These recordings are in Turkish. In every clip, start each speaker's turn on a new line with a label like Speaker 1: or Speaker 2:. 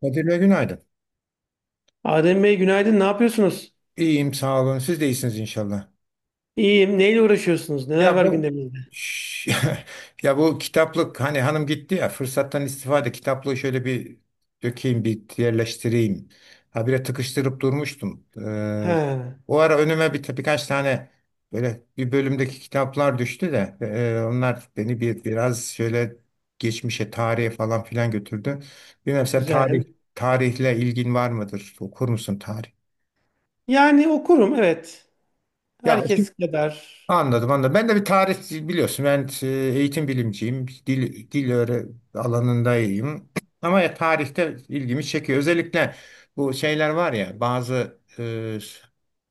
Speaker 1: Kadir Bey günaydın.
Speaker 2: Adem Bey günaydın. Ne yapıyorsunuz?
Speaker 1: İyiyim sağ olun. Siz de iyisiniz inşallah.
Speaker 2: İyiyim. Neyle uğraşıyorsunuz? Neler
Speaker 1: Ya
Speaker 2: var
Speaker 1: bu
Speaker 2: gündeminizde?
Speaker 1: Şş, ya bu kitaplık hani hanım gitti ya fırsattan istifade kitaplığı şöyle bir dökeyim bir yerleştireyim. Habire tıkıştırıp durmuştum.
Speaker 2: Ha,
Speaker 1: O ara önüme birkaç tane böyle bir bölümdeki kitaplar düştü de onlar beni bir biraz şöyle geçmişe tarihe falan filan götürdü. Bilmem sen
Speaker 2: güzel.
Speaker 1: tarihle ilgin var mıdır? Okur musun tarih?
Speaker 2: Yani okurum, evet.
Speaker 1: Ya
Speaker 2: Herkes kadar.
Speaker 1: Anladım, anladım. Ben de bir tarih biliyorsun. Ben eğitim bilimciyim. Dil öğre alanında iyiyim. Ama ya tarihte ilgimi çekiyor. Özellikle bu şeyler var ya bazı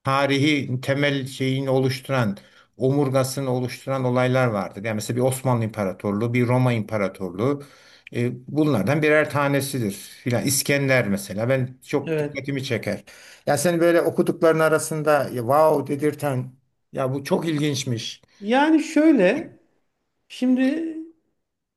Speaker 1: tarihi temel şeyini oluşturan, omurgasını oluşturan olaylar vardır. Yani mesela bir Osmanlı İmparatorluğu, bir Roma İmparatorluğu e, bunlardan birer tanesidir. Filan İskender mesela ben çok
Speaker 2: Evet.
Speaker 1: dikkatimi çeker. Ya sen böyle okudukların arasında ya, wow dedirten ya bu çok ilginçmiş.
Speaker 2: Yani şöyle, şimdi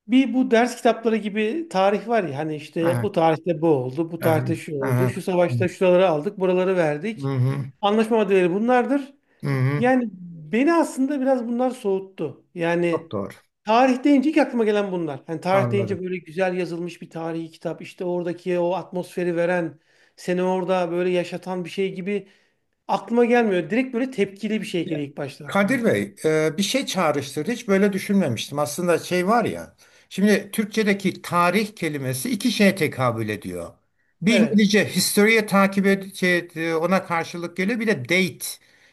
Speaker 2: bu ders kitapları gibi tarih var ya, hani işte
Speaker 1: Aha,
Speaker 2: bu tarihte bu oldu, bu
Speaker 1: aha,
Speaker 2: tarihte şu oldu, şu
Speaker 1: aha.
Speaker 2: savaşta şuraları aldık, buraları
Speaker 1: Hı
Speaker 2: verdik.
Speaker 1: hı,
Speaker 2: Anlaşma maddeleri bunlardır.
Speaker 1: hı hı.
Speaker 2: Yani beni aslında biraz bunlar soğuttu.
Speaker 1: Çok
Speaker 2: Yani
Speaker 1: doğru.
Speaker 2: tarih deyince ilk aklıma gelen bunlar. Yani tarih deyince
Speaker 1: Anladım.
Speaker 2: böyle güzel yazılmış bir tarihi kitap, işte oradaki o atmosferi veren, seni orada böyle yaşatan bir şey gibi aklıma gelmiyor. Direkt böyle tepkili bir şey
Speaker 1: Ya,
Speaker 2: geliyor ilk başta
Speaker 1: Kadir
Speaker 2: aklıma.
Speaker 1: Bey, bir şey çağrıştırdı. Hiç böyle düşünmemiştim. Aslında şey var ya. Şimdi Türkçedeki tarih kelimesi iki şeye tekabül ediyor. Bir
Speaker 2: Evet.
Speaker 1: İngilizce history'e takip ed şey, ona karşılık geliyor. Bir de date.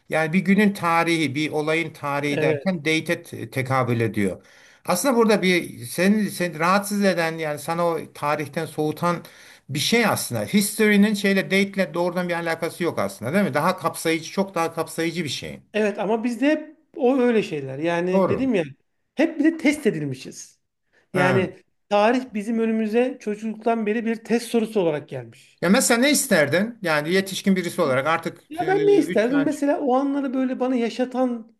Speaker 1: Yani bir günün tarihi, bir olayın tarihi derken
Speaker 2: Evet.
Speaker 1: date'e tekabül ediyor. Aslında burada bir seni rahatsız eden yani sana o tarihten soğutan bir şey aslında. History'nin şeyle date'le doğrudan bir alakası yok aslında, değil mi? Çok daha kapsayıcı bir şey.
Speaker 2: Evet ama bizde hep o öyle şeyler. Yani
Speaker 1: Doğru.
Speaker 2: dedim ya, hep bir de test edilmişiz.
Speaker 1: Ha.
Speaker 2: Yani tarih bizim önümüze çocukluktan beri bir test sorusu olarak gelmiş.
Speaker 1: Ya mesela ne isterdin? Yani yetişkin birisi olarak artık
Speaker 2: Ya ben ne
Speaker 1: üç
Speaker 2: isterdim?
Speaker 1: tane.
Speaker 2: Mesela o anları böyle bana yaşatan,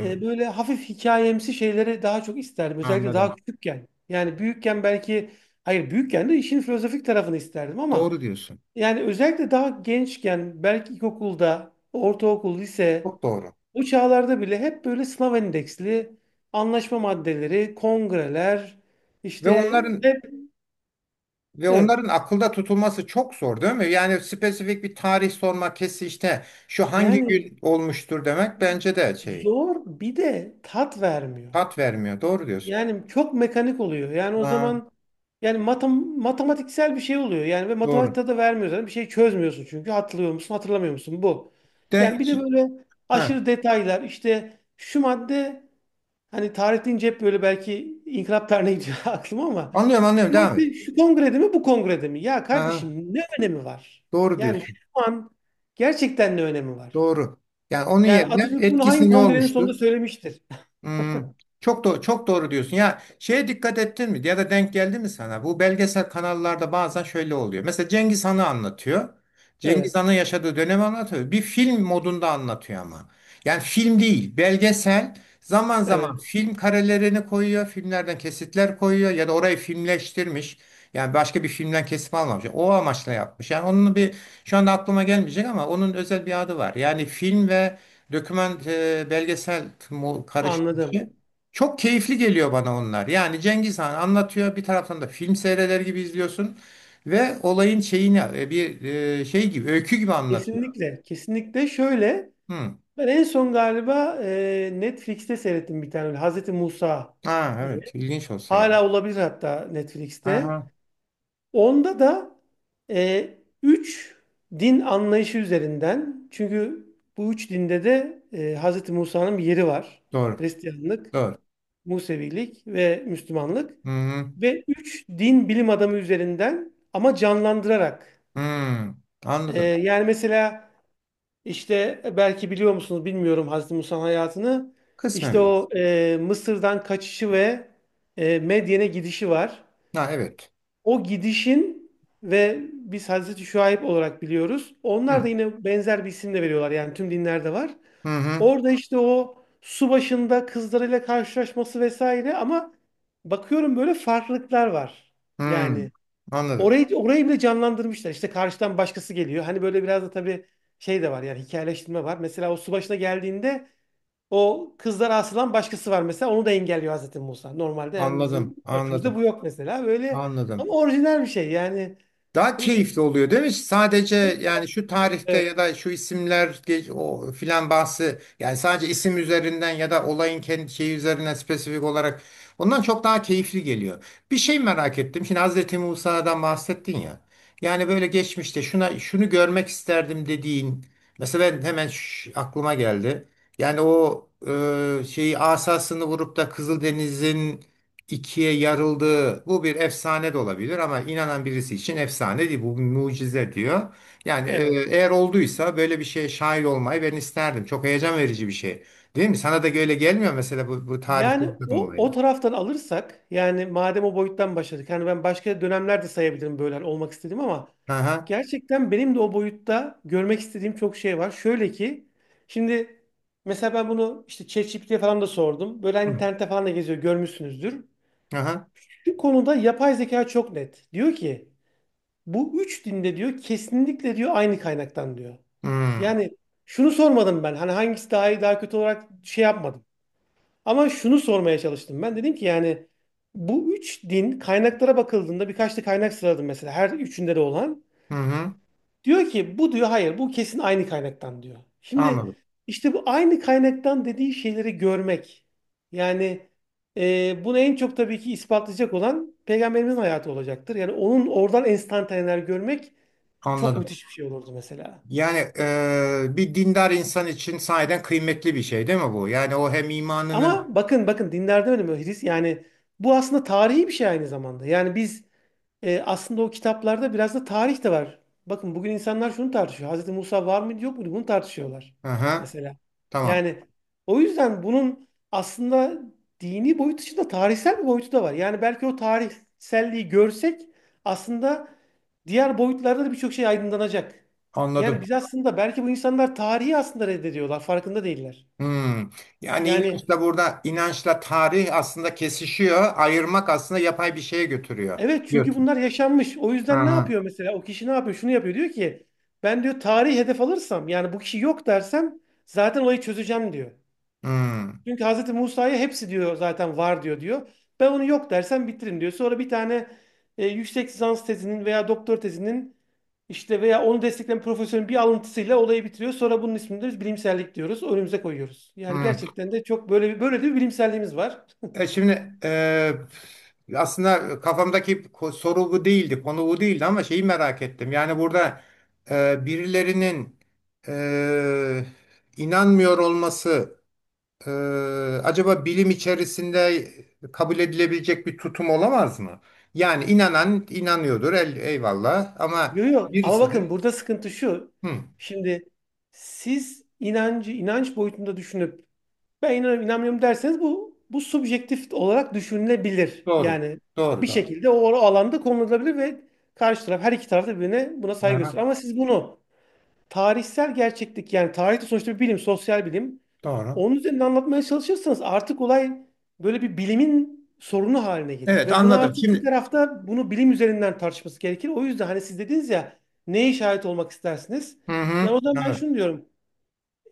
Speaker 2: böyle hafif hikayemsi şeyleri daha çok isterdim. Özellikle daha
Speaker 1: anladım.
Speaker 2: küçükken. Yani büyükken belki hayır, büyükken de işin filozofik tarafını isterdim ama
Speaker 1: Doğru diyorsun.
Speaker 2: yani özellikle daha gençken, belki ilkokulda, ortaokul, lise,
Speaker 1: Çok doğru.
Speaker 2: bu çağlarda bile hep böyle sınav endeksli anlaşma maddeleri, kongreler,
Speaker 1: Ve
Speaker 2: işte
Speaker 1: onların
Speaker 2: hep.
Speaker 1: ve
Speaker 2: Evet.
Speaker 1: onların akılda tutulması çok zor değil mi? Yani spesifik bir tarih sormak kesin işte şu hangi
Speaker 2: Yani
Speaker 1: gün olmuştur demek bence de şey
Speaker 2: zor, bir de tat vermiyor.
Speaker 1: tat vermiyor. Doğru diyorsun.
Speaker 2: Yani çok mekanik oluyor. Yani o
Speaker 1: Ha,
Speaker 2: zaman yani matematiksel bir şey oluyor. Yani ve
Speaker 1: doğru.
Speaker 2: matematikte de vermiyor zaten. Bir şey çözmüyorsun çünkü. Hatırlıyor musun, hatırlamıyor musun? Bu.
Speaker 1: De,
Speaker 2: Yani bir de böyle
Speaker 1: ha,
Speaker 2: aşırı detaylar. İşte şu madde, hani tarih deyince hep böyle belki inkılap tarihine gidiyor aklıma ama
Speaker 1: anlıyorum
Speaker 2: şu
Speaker 1: anlıyorum devam et.
Speaker 2: madde şu kongrede mi bu kongrede mi? Ya
Speaker 1: Ha,
Speaker 2: kardeşim, ne önemi var?
Speaker 1: doğru
Speaker 2: Yani şu
Speaker 1: diyorsun.
Speaker 2: an gerçekten ne önemi var?
Speaker 1: Doğru. Yani onun
Speaker 2: Yani
Speaker 1: yerine
Speaker 2: Atatürk bunu hangi
Speaker 1: etkisi ne
Speaker 2: kongrenin
Speaker 1: olmuştur?
Speaker 2: sonunda söylemiştir?
Speaker 1: Hmm, çok doğru, çok doğru diyorsun. Ya şeye dikkat ettin mi? Ya da denk geldi mi sana? Bu belgesel kanallarda bazen şöyle oluyor. Mesela Cengiz Han'ı anlatıyor. Cengiz
Speaker 2: Evet.
Speaker 1: Han'ın yaşadığı dönemi anlatıyor. Bir film modunda anlatıyor ama. Yani film değil, belgesel. Zaman zaman
Speaker 2: Evet.
Speaker 1: film karelerini koyuyor, filmlerden kesitler koyuyor ya da orayı filmleştirmiş. Yani başka bir filmden kesim almamış. O amaçla yapmış. Yani onun bir şu anda aklıma gelmeyecek ama onun özel bir adı var. Yani film ve doküman belgesel mu-
Speaker 2: Anladım.
Speaker 1: karışmışı. Çok keyifli geliyor bana onlar. Yani Cengiz Han anlatıyor bir taraftan da film seyreder gibi izliyorsun ve olayın şeyini şey gibi öykü gibi anlatıyor.
Speaker 2: Kesinlikle, kesinlikle şöyle.
Speaker 1: Hı.
Speaker 2: Ben en son galiba Netflix'te seyrettim bir tane öyle, Hazreti Musa
Speaker 1: Ha
Speaker 2: diye.
Speaker 1: evet ilginç olsa gerek.
Speaker 2: Hala olabilir hatta Netflix'te.
Speaker 1: Aha
Speaker 2: Onda da e, üç din anlayışı üzerinden. Çünkü bu üç dinde de Hazreti Musa'nın bir yeri var.
Speaker 1: doğru
Speaker 2: Hristiyanlık,
Speaker 1: doğru.
Speaker 2: Musevilik ve Müslümanlık.
Speaker 1: Hı hı.
Speaker 2: Ve üç din bilim adamı üzerinden ama canlandırarak.
Speaker 1: Hı. Anladım.
Speaker 2: Yani mesela İşte belki biliyor musunuz bilmiyorum Hazreti Musa'nın hayatını.
Speaker 1: Kısmen
Speaker 2: İşte
Speaker 1: bir.
Speaker 2: o Mısır'dan kaçışı ve Medyen'e gidişi var.
Speaker 1: Ha evet.
Speaker 2: O gidişin ve biz Hazreti Şuayb olarak biliyoruz. Onlar da
Speaker 1: Hı
Speaker 2: yine benzer bir isimle veriyorlar. Yani tüm dinlerde var.
Speaker 1: hı hı.
Speaker 2: Orada işte o su başında kızlarıyla karşılaşması vesaire ama bakıyorum böyle farklılıklar var.
Speaker 1: Hı.
Speaker 2: Yani
Speaker 1: Anladım.
Speaker 2: orayı, orayı bile canlandırmışlar. İşte karşıdan başkası geliyor. Hani böyle biraz da tabii şey de var, yani hikayeleştirme var. Mesela o su başına geldiğinde o kızlara asılan başkası var mesela. Onu da engelliyor Hazreti Musa. Normalde yani bizim
Speaker 1: Anladım.
Speaker 2: örtümüzde
Speaker 1: Anladım.
Speaker 2: bu yok mesela. Böyle
Speaker 1: Anladım.
Speaker 2: ama orijinal bir şey yani.
Speaker 1: Daha
Speaker 2: Ee,
Speaker 1: keyifli oluyor değil mi? Sadece yani şu tarihte
Speaker 2: evet.
Speaker 1: ya da şu isimler ge- o filan bahsi yani sadece isim üzerinden ya da olayın kendi şeyi üzerinden spesifik olarak ondan çok daha keyifli geliyor. Bir şey merak ettim. Şimdi Hazreti Musa'dan bahsettin ya. Yani böyle geçmişte şuna şunu görmek isterdim dediğin mesela ben hemen şş- aklıma geldi. Yani o şeyi asasını vurup da Kızıldeniz'in ikiye yarıldığı bu bir efsane de olabilir ama inanan birisi için efsane değil bu bir mucize diyor. Yani
Speaker 2: Evet.
Speaker 1: eğer olduysa böyle bir şeye şahit olmayı ben isterdim. Çok heyecan verici bir şey. Değil mi? Sana da böyle gelmiyor mesela bu tarihte
Speaker 2: Yani
Speaker 1: bir takım
Speaker 2: o o
Speaker 1: olaylar.
Speaker 2: taraftan alırsak, yani madem o boyuttan başladık. Yani ben başka dönemlerde sayabilirim böyle hani olmak istediğim ama
Speaker 1: Hı hı.
Speaker 2: gerçekten benim de o boyutta görmek istediğim çok şey var. Şöyle ki, şimdi mesela ben bunu işte ChatGPT'ye falan da sordum. Böyle hani internette falan da geziyor, görmüşsünüzdür.
Speaker 1: Hı hı.
Speaker 2: Şu konuda yapay zeka çok net. Diyor ki bu üç dinde diyor kesinlikle diyor aynı kaynaktan diyor.
Speaker 1: Hı
Speaker 2: Yani şunu sormadım ben hani hangisi daha iyi daha kötü olarak şey yapmadım. Ama şunu sormaya çalıştım ben. Dedim ki yani bu üç din kaynaklara bakıldığında, birkaç da kaynak sıraladım mesela her üçünde de olan.
Speaker 1: hı. hı.
Speaker 2: Diyor ki bu diyor hayır bu kesin aynı kaynaktan diyor.
Speaker 1: Anladım.
Speaker 2: Şimdi işte bu aynı kaynaktan dediği şeyleri görmek. Yani bunu en çok tabii ki ispatlayacak olan peygamberimizin hayatı olacaktır. Yani onun oradan enstantaneler görmek çok
Speaker 1: Anladım.
Speaker 2: müthiş bir şey olurdu mesela.
Speaker 1: Yani bir dindar insan için sahiden kıymetli bir şey değil mi bu? Yani o hem imanını...
Speaker 2: Ama bakın, bakın dinlerde öyle mi? Hris yani bu aslında tarihi bir şey aynı zamanda. Yani biz aslında o kitaplarda biraz da tarih de var. Bakın bugün insanlar şunu tartışıyor. Hazreti Musa var mıydı yok muydu? Bunu tartışıyorlar.
Speaker 1: Hı hı.
Speaker 2: Mesela.
Speaker 1: Tamam.
Speaker 2: Yani o yüzden bunun aslında dini boyut dışında tarihsel bir boyutu da var. Yani belki o tarihselliği görsek aslında diğer boyutlarda da birçok şey aydınlanacak. Yani
Speaker 1: Anladım.
Speaker 2: biz aslında belki, bu insanlar tarihi aslında reddediyorlar. Farkında değiller.
Speaker 1: Hmm. Yani
Speaker 2: Yani
Speaker 1: inançla burada tarih aslında kesişiyor. Ayırmak aslında yapay bir şeye götürüyor
Speaker 2: evet, çünkü
Speaker 1: diyorsun.
Speaker 2: bunlar yaşanmış. O yüzden ne
Speaker 1: Aha.
Speaker 2: yapıyor mesela? O kişi ne yapıyor? Şunu yapıyor. Diyor ki ben diyor tarihi hedef alırsam yani bu kişi yok dersem zaten olayı çözeceğim diyor.
Speaker 1: Hmm.
Speaker 2: Çünkü Hazreti Musa'ya hepsi diyor zaten var diyor diyor. Ben onu yok dersem bitiririm diyor. Sonra bir tane yüksek lisans tezinin veya doktor tezinin işte veya onu destekleyen profesörün bir alıntısıyla olayı bitiriyor. Sonra bunun ismini de biz bilimsellik diyoruz. Önümüze koyuyoruz. Yani
Speaker 1: Hmm.
Speaker 2: gerçekten de çok böyle de bir bilimselliğimiz var.
Speaker 1: E şimdi e, aslında kafamdaki ko- soru bu değildi, konu bu değildi ama şeyi merak ettim. Yani burada birilerinin e, inanmıyor olması Ee, acaba bilim içerisinde kabul edilebilecek bir tutum olamaz mı? Yani inanan inanıyordur, el, eyvallah. Ama
Speaker 2: Yok, yok ama
Speaker 1: birisi
Speaker 2: bakın
Speaker 1: de
Speaker 2: burada sıkıntı şu.
Speaker 1: hı,
Speaker 2: Şimdi siz inancı inanç boyutunda düşünüp ben inanıyorum inanmıyorum derseniz bu subjektif olarak düşünülebilir.
Speaker 1: doğru,
Speaker 2: Yani bir
Speaker 1: doğru.
Speaker 2: şekilde o alanda konulabilir ve karşı taraf, her iki taraf da birbirine buna saygı gösterir.
Speaker 1: Aha,
Speaker 2: Ama siz bunu tarihsel gerçeklik, yani tarih de sonuçta bir bilim, sosyal bilim,
Speaker 1: doğru.
Speaker 2: onun üzerinde anlatmaya çalışırsanız artık olay böyle bir bilimin sorunu haline gelir.
Speaker 1: Evet,
Speaker 2: Ve bunu
Speaker 1: anladım.
Speaker 2: artık iki
Speaker 1: Şimdi
Speaker 2: tarafta bunu bilim üzerinden tartışması gerekir. O yüzden hani siz dediniz ya, neye şahit olmak istersiniz?
Speaker 1: hı hı,
Speaker 2: Ya o zaman ben
Speaker 1: anladım,
Speaker 2: şunu diyorum.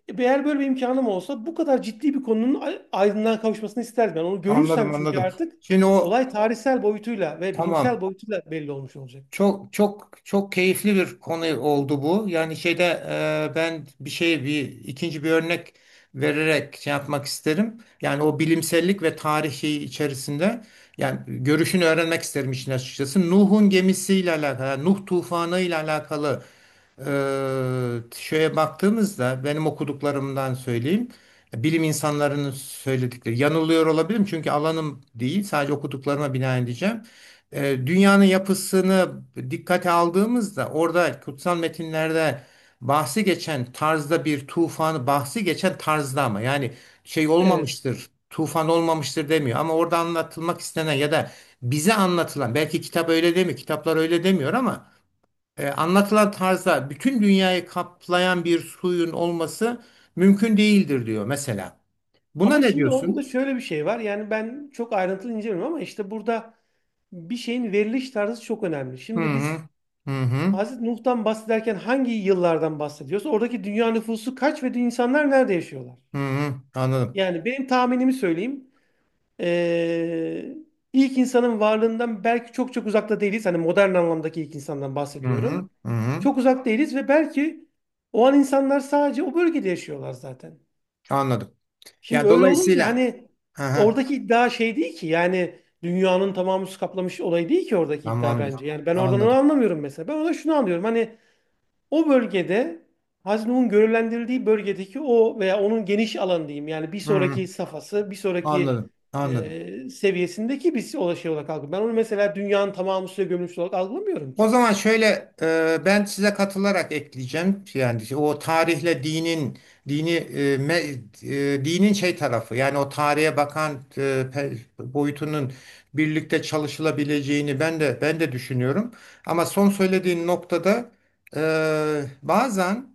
Speaker 2: E, eğer böyle bir imkanım olsa bu kadar ciddi bir konunun aydınlığa kavuşmasını isterdim. Ben onu görürsem,
Speaker 1: anladım.
Speaker 2: çünkü
Speaker 1: Anladım.
Speaker 2: artık
Speaker 1: Şimdi o
Speaker 2: olay tarihsel boyutuyla ve bilimsel
Speaker 1: tamam.
Speaker 2: boyutuyla belli olmuş olacak.
Speaker 1: Çok çok çok keyifli bir konu oldu bu. Yani şeyde ben bir şey bir ikinci bir örnek vererek şey yapmak isterim. Yani o bilimsellik ve tarihi içerisinde yani görüşünü öğrenmek isterim işin açıkçası. Nuh'un gemisiyle alakalı, Nuh tufanı ile alakalı. Şeye baktığımızda benim okuduklarımdan söyleyeyim. Bilim insanlarının söyledikleri yanılıyor olabilirim çünkü alanım değil sadece okuduklarıma binaen diyeceğim. Dünyanın yapısını dikkate aldığımızda orada kutsal metinlerde bahsi geçen tarzda ama yani şey
Speaker 2: Evet.
Speaker 1: olmamıştır tufan olmamıştır demiyor ama orada anlatılmak istenen ya da bize anlatılan belki kitaplar öyle demiyor ama anlatılan tarzda bütün dünyayı kaplayan bir suyun olması mümkün değildir diyor mesela. Buna
Speaker 2: Ama
Speaker 1: ne
Speaker 2: şimdi orada da
Speaker 1: diyorsun?
Speaker 2: şöyle bir şey var. Yani ben çok ayrıntılı incelemiyorum ama işte burada bir şeyin veriliş tarzı çok önemli.
Speaker 1: Hı
Speaker 2: Şimdi biz
Speaker 1: hı. Hı hı.
Speaker 2: Hazreti Nuh'tan bahsederken hangi yıllardan bahsediyorsa, oradaki dünya nüfusu kaç ve insanlar nerede yaşıyorlar?
Speaker 1: Hı hı. Anladım.
Speaker 2: Yani benim tahminimi söyleyeyim. Ee, ilk insanın varlığından belki çok çok uzakta değiliz. Hani modern anlamdaki ilk insandan
Speaker 1: Hı
Speaker 2: bahsediyorum.
Speaker 1: hı. Hı hı.
Speaker 2: Çok uzak değiliz ve belki o an insanlar sadece o bölgede yaşıyorlar zaten.
Speaker 1: Anladım.
Speaker 2: Şimdi
Speaker 1: Ya
Speaker 2: öyle olunca
Speaker 1: dolayısıyla
Speaker 2: hani
Speaker 1: aha,
Speaker 2: oradaki iddia şey değil ki, yani dünyanın tamamı su kaplamış olayı değil ki oradaki iddia
Speaker 1: tamamdır.
Speaker 2: bence. Yani ben oradan onu
Speaker 1: Anladım.
Speaker 2: anlamıyorum mesela. Ben orada şunu anlıyorum. Hani o bölgede, Haznuh'un görevlendirildiği bölgedeki o veya onun geniş alan diyeyim, yani bir
Speaker 1: Hı hı.
Speaker 2: sonraki safhası, bir sonraki
Speaker 1: Anladım. Anladım.
Speaker 2: seviyesindeki bir şey olarak algılıyorum. Ben onu mesela dünyanın tamamı suya gömülmüş olarak algılamıyorum
Speaker 1: O
Speaker 2: ki.
Speaker 1: zaman şöyle ben size katılarak ekleyeceğim. Yani o tarihle dinin dini e, me- e, dinin şey tarafı yani o tarihe bakan e, boyutunun birlikte çalışılabileceğini ben de düşünüyorum. Ama son söylediğin noktada bazen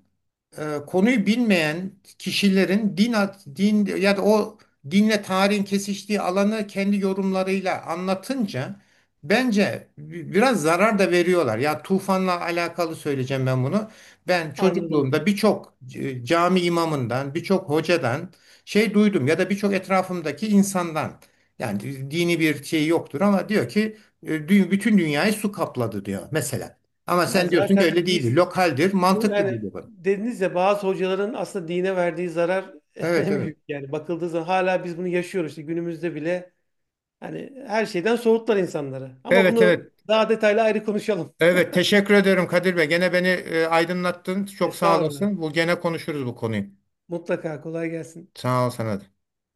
Speaker 1: konuyu bilmeyen kişilerin din ya da o dinle tarihin kesiştiği alanı kendi yorumlarıyla anlatınca bence bi- biraz zarar da veriyorlar. Ya tufanla alakalı söyleyeceğim ben bunu. Ben
Speaker 2: Anladım.
Speaker 1: çocukluğumda birçok c- cami imamından, birçok hocadan şey duydum ya da birçok etrafımdaki insandan yani dini bir şey yoktur ama diyor ki bütün dünyayı su kapladı diyor mesela. Ama
Speaker 2: Ya
Speaker 1: sen diyorsun ki
Speaker 2: zaten
Speaker 1: öyle değil.
Speaker 2: biz
Speaker 1: Lokaldir, mantıklı
Speaker 2: yani
Speaker 1: değil.
Speaker 2: dediniz ya bazı hocaların aslında dine verdiği zarar
Speaker 1: Evet,
Speaker 2: en
Speaker 1: evet.
Speaker 2: büyük, yani bakıldığı zaman hala biz bunu yaşıyoruz işte günümüzde bile, hani her şeyden soğuttular insanları. Ama
Speaker 1: Evet,
Speaker 2: bunu
Speaker 1: evet.
Speaker 2: daha detaylı ayrı konuşalım.
Speaker 1: Evet teşekkür ediyorum Kadir Bey. Gene beni aydınlattın. Çok sağ
Speaker 2: Estağfurullah.
Speaker 1: olasın. Bu gene konuşuruz bu konuyu.
Speaker 2: Mutlaka, kolay gelsin.
Speaker 1: Sağ ol sana da.